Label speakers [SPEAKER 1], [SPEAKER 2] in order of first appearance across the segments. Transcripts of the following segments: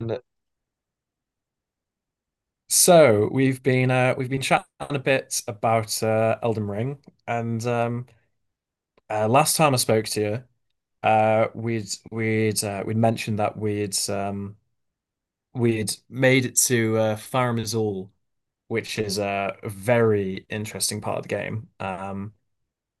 [SPEAKER 1] N-
[SPEAKER 2] So we've been chatting a bit about Elden Ring, and last time I spoke to you, we'd mentioned that we'd made it to Farum Azula, which is a very interesting part of the game.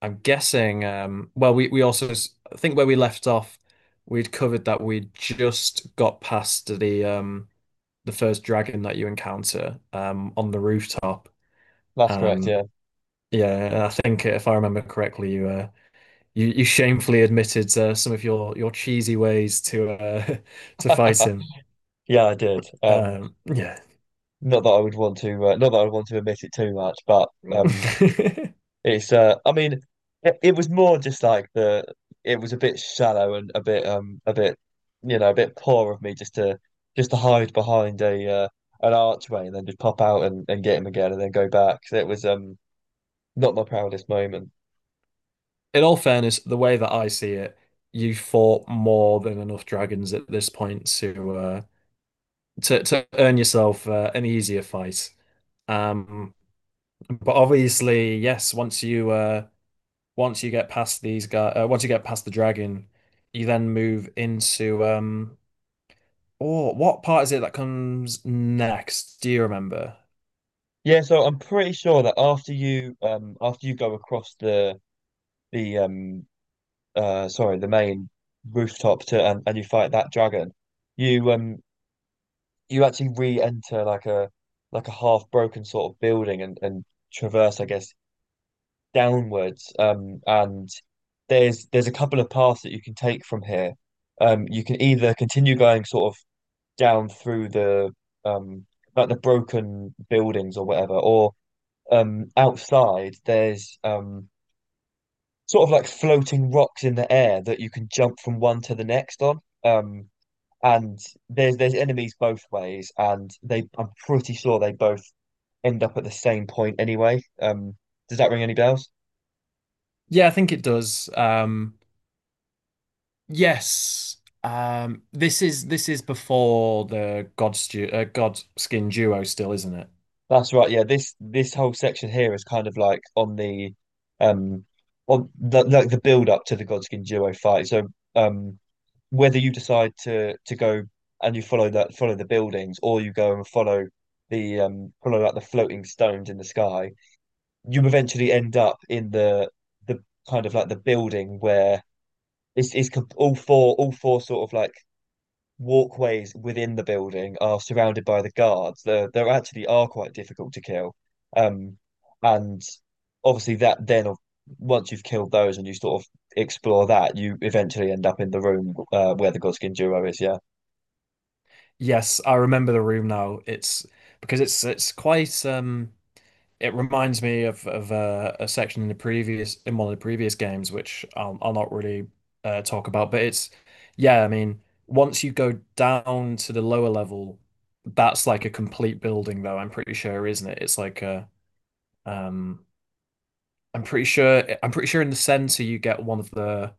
[SPEAKER 2] I'm guessing. I think where we left off, we'd covered that we'd just got past the first dragon that you encounter on the rooftop.
[SPEAKER 1] That's correct,
[SPEAKER 2] Um,
[SPEAKER 1] yeah.
[SPEAKER 2] Yeah, I think if I remember correctly, you shamefully admitted some of your cheesy ways to to fight him.
[SPEAKER 1] Yeah, I did.
[SPEAKER 2] Um, yeah.
[SPEAKER 1] Not that I would want to, not that I would want to admit it too much, but it's. I mean, it was more just like the. It was a bit shallow and a bit, a bit, a bit poor of me just to hide behind a an archway and then just pop out and get him again and then go back. So it was not my proudest moment.
[SPEAKER 2] In all fairness, the way that I see it, you fought more than enough dragons at this point to to earn yourself an easier fight. Um, but obviously, yes, once you get past these guys, once you get past the dragon, you then move into. Oh, what part is it that comes next? Do you remember?
[SPEAKER 1] Yeah, so I'm pretty sure that after you go across the the um the main rooftop to and you fight that dragon, you um you actually re-enter like a half broken sort of building and traverse, I guess, downwards. And there's a couple of paths that you can take from here. You can either continue going sort of down through the um like the broken buildings or whatever, or outside there's sort of like floating rocks in the air that you can jump from one to the next on. Um, and there's enemies both ways, and they I'm pretty sure they both end up at the same point anyway. Does that ring any bells?
[SPEAKER 2] Yeah, I think it does. Yes. This is before the God duo still, isn't it?
[SPEAKER 1] That's right. Yeah, this whole section here is kind of like um on the, like the build up to the Godskin duo fight. So um whether you decide to go and you follow the buildings or you go and follow the follow like the floating stones in the sky, you eventually end up in the kind of like the building where it's all four sort of like walkways within the building are surrounded by the guards. They actually are quite difficult to kill. Um, and obviously that then of once you've killed those and you sort of explore that, you eventually end up in the room where the Godskin duo is. Yeah.
[SPEAKER 2] Yes, I remember the room now. It's because it's quite it reminds me of a section in the previous in one of the previous games, which I'll not really talk about, but I mean, once you go down to the lower level, that's like a complete building, though. I'm pretty sure, isn't it? It's like a um, I'm pretty sure in the center you get one of the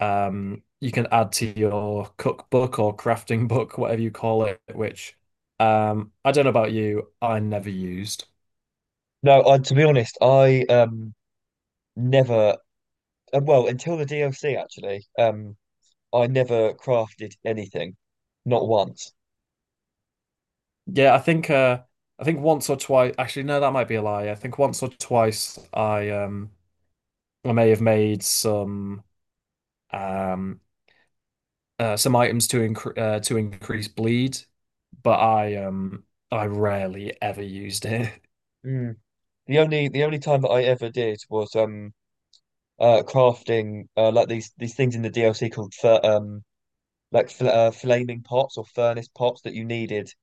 [SPEAKER 2] you can add to your cookbook or crafting book, whatever you call it, which I don't know about you, I never used.
[SPEAKER 1] No, to be honest, I never well until the DLC actually I never crafted anything, not once.
[SPEAKER 2] Yeah, I think once or twice. Actually, no, that might be a lie. I think once or twice I may have made um some items to increase bleed, but I rarely ever used it.
[SPEAKER 1] Mm. The only time that I ever did was crafting like these things in the DLC called fir like fl flaming pots or furnace pots that you needed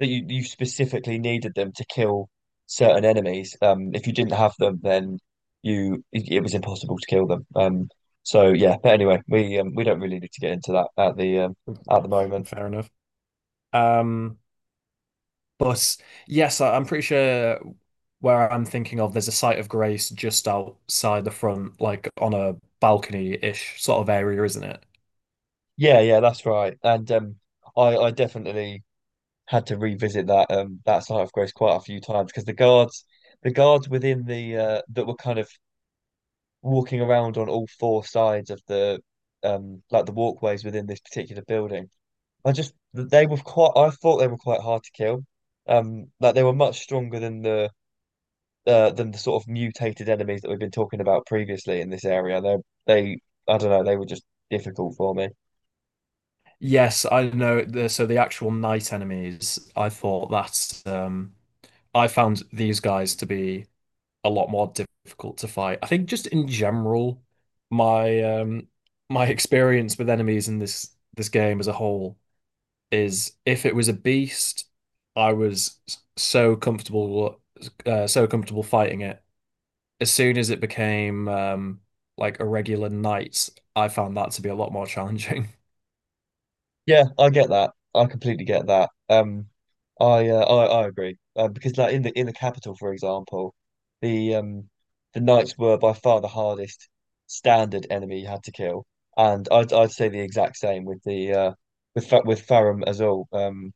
[SPEAKER 1] that you specifically needed them to kill certain enemies. If you didn't have them, then you it was impossible to kill them. So yeah, but anyway, we don't really need to get into that at
[SPEAKER 2] Yeah,
[SPEAKER 1] the moment.
[SPEAKER 2] fair enough. Um but Yes, I, I'm pretty sure where I'm thinking of there's a site of grace just outside the front like on a balcony-ish sort of area, isn't it?
[SPEAKER 1] Yeah, yeah, that's right. And I definitely had to revisit that site of grace quite a few times because the guards within the that were kind of walking around on all four sides of the like the walkways within this particular building. I just they were quite I thought they were quite hard to kill. Um, like they were much stronger than the sort of mutated enemies that we've been talking about previously in this area. They I don't know, they were just difficult for me.
[SPEAKER 2] Yes, I know. The, so the actual night enemies, I thought that's I found these guys to be a lot more difficult to fight. I think just in general, my um, my experience with enemies in this game as a whole is if it was a beast, I was s- so comfortable fighting it. As soon as it became like a regular knight, I found that to be a lot more challenging.
[SPEAKER 1] Yeah, I get that. I completely get that. I agree. Because like in the capital, for example, the um the knights were by far the hardest standard enemy you had to kill, and I'd say the exact same with the with Fa with Farum Azula.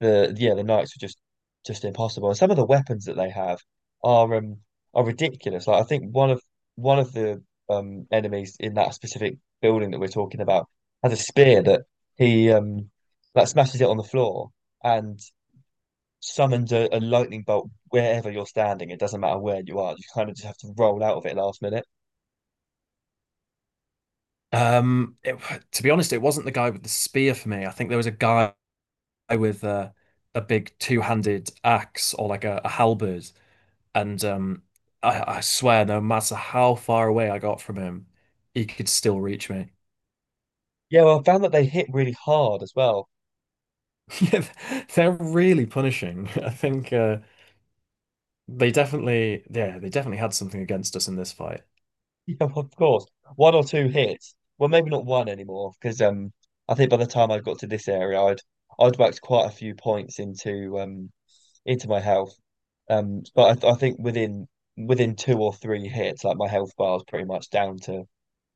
[SPEAKER 1] The knights are just impossible. And some of the weapons that they have are um are ridiculous. Like I think one of the enemies in that specific building that we're talking about has a spear that he that smashes it on the floor and summons a lightning bolt wherever you're standing. It doesn't matter where you are. You kind of just have to roll out of it last minute.
[SPEAKER 2] Um, it, to be honest, it wasn't the guy with the spear for me. I think there was a guy with a big two-handed axe or like a halberd, and I swear, no matter how far away I got from him, he could still reach me.
[SPEAKER 1] Yeah, well, I found that they hit really hard as well.
[SPEAKER 2] Yeah, they're really punishing. I think they definitely, yeah, they definitely had something against us in this fight.
[SPEAKER 1] Yeah, of course. One or two hits. Well, maybe not one anymore, because I think by the time I got to this area, I'd whacked quite a few points into my health. But I think within within two or three hits, like my health bar is pretty much down to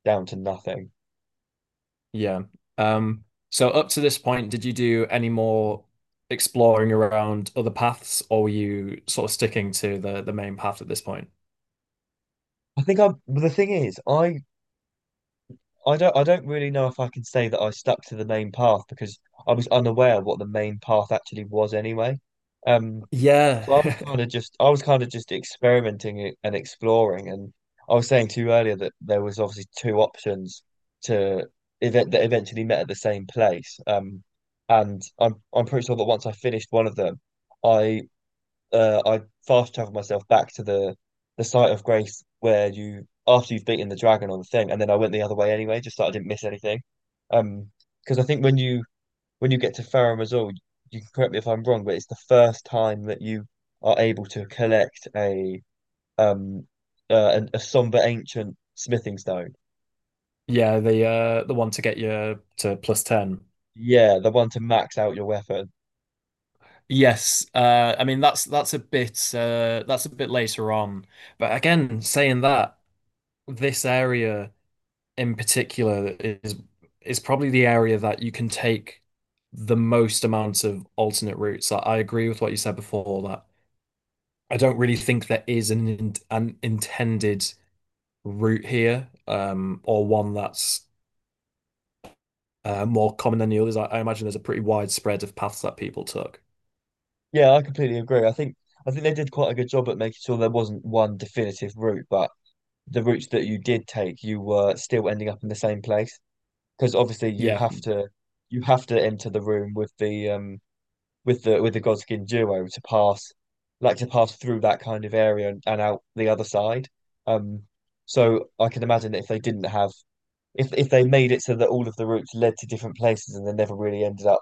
[SPEAKER 1] down to nothing.
[SPEAKER 2] Yeah. Um, so up to this point, did you do any more exploring around other paths, or were you sort of sticking to the main path at this point?
[SPEAKER 1] I think I'm. But The thing is, I don't really know if I can say that I stuck to the main path because I was unaware what the main path actually was anyway. Um,
[SPEAKER 2] Yeah.
[SPEAKER 1] So I was kind of just I was kind of just experimenting and exploring, and I was saying to you earlier that there was obviously two options to eventually met at the same place. And I'm pretty sure that once I finished one of them, I I fast traveled myself back to the site of grace where you after you've beaten the dragon on the thing, and then I went the other way anyway, just so I didn't miss anything. Um, because I think when you get to Fareham as well, you can correct me if I'm wrong, but it's the first time that you are able to collect um a somber ancient smithing stone.
[SPEAKER 2] Yeah, the one to get you to plus 10.
[SPEAKER 1] Yeah, the one to max out your weapon.
[SPEAKER 2] Yes. I mean that's a bit later on. But again, saying that, this area in particular is probably the area that you can take the most amount of alternate routes. I agree with what you said before that I don't really think there is an intended route here, or one that's more common than the others. I imagine there's a pretty wide spread of paths that people took.
[SPEAKER 1] Yeah, I completely agree. I think they did quite a good job at making sure there wasn't one definitive route, but the routes that you did take, you were still ending up in the same place because obviously
[SPEAKER 2] Yeah,
[SPEAKER 1] you have to enter the room with the with the Godskin duo to pass, like to pass through that kind of area and out the other side. Um, so I can imagine that if they didn't have if they made it so that all of the routes led to different places and they never really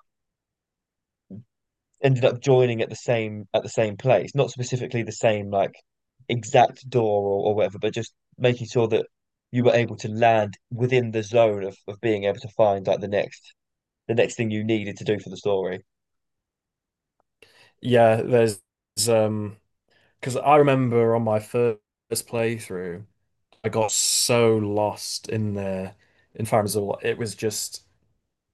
[SPEAKER 1] ended up joining at the same place, not specifically the same like exact door or whatever, but just making sure that you were able to land within the zone of being able to find like the next thing you needed to do for the story.
[SPEAKER 2] yeah. There's um, because I remember on my first playthrough, I got so lost in the in Farazul. It was just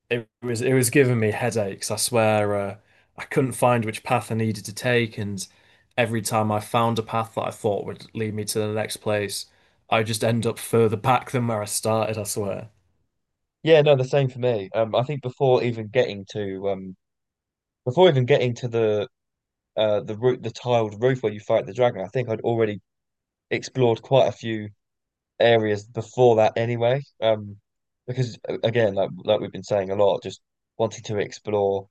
[SPEAKER 2] it was giving me headaches. I swear, I couldn't find which path I needed to take, and every time I found a path that I thought would lead me to the next place, I just end up further back than where I started, I swear.
[SPEAKER 1] Yeah, no, the same for me. I think before even getting to before even getting to the roof, the tiled roof where you fight the dragon, I think I'd already explored quite a few areas before that anyway. Because again, like we've been saying a lot, just wanting to explore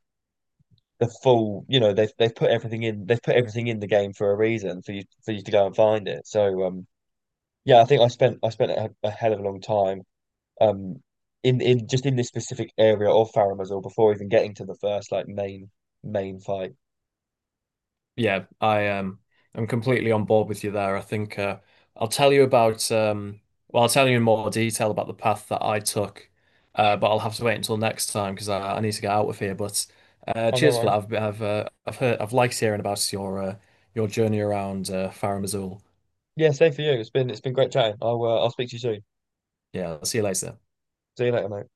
[SPEAKER 1] the full, you know, they've put everything in, they've put everything in the game for a reason for you to go and find it. So yeah, I think I spent a hell of a long time um in just in this specific area of Faramazor before even getting to the first like main main fight.
[SPEAKER 2] Yeah, I um I'm completely on board with you there. I think I'll tell you about well I'll tell you in more detail about the path that I took, but I'll have to wait until next time because I need to get out of here. But
[SPEAKER 1] Oh no
[SPEAKER 2] cheers for that.
[SPEAKER 1] worries.
[SPEAKER 2] I've liked hearing about your journey around Farum Azula.
[SPEAKER 1] Yeah, same for you. It's been great chatting. I'll speak to you soon.
[SPEAKER 2] Yeah, I'll see you later.
[SPEAKER 1] See you later, mate.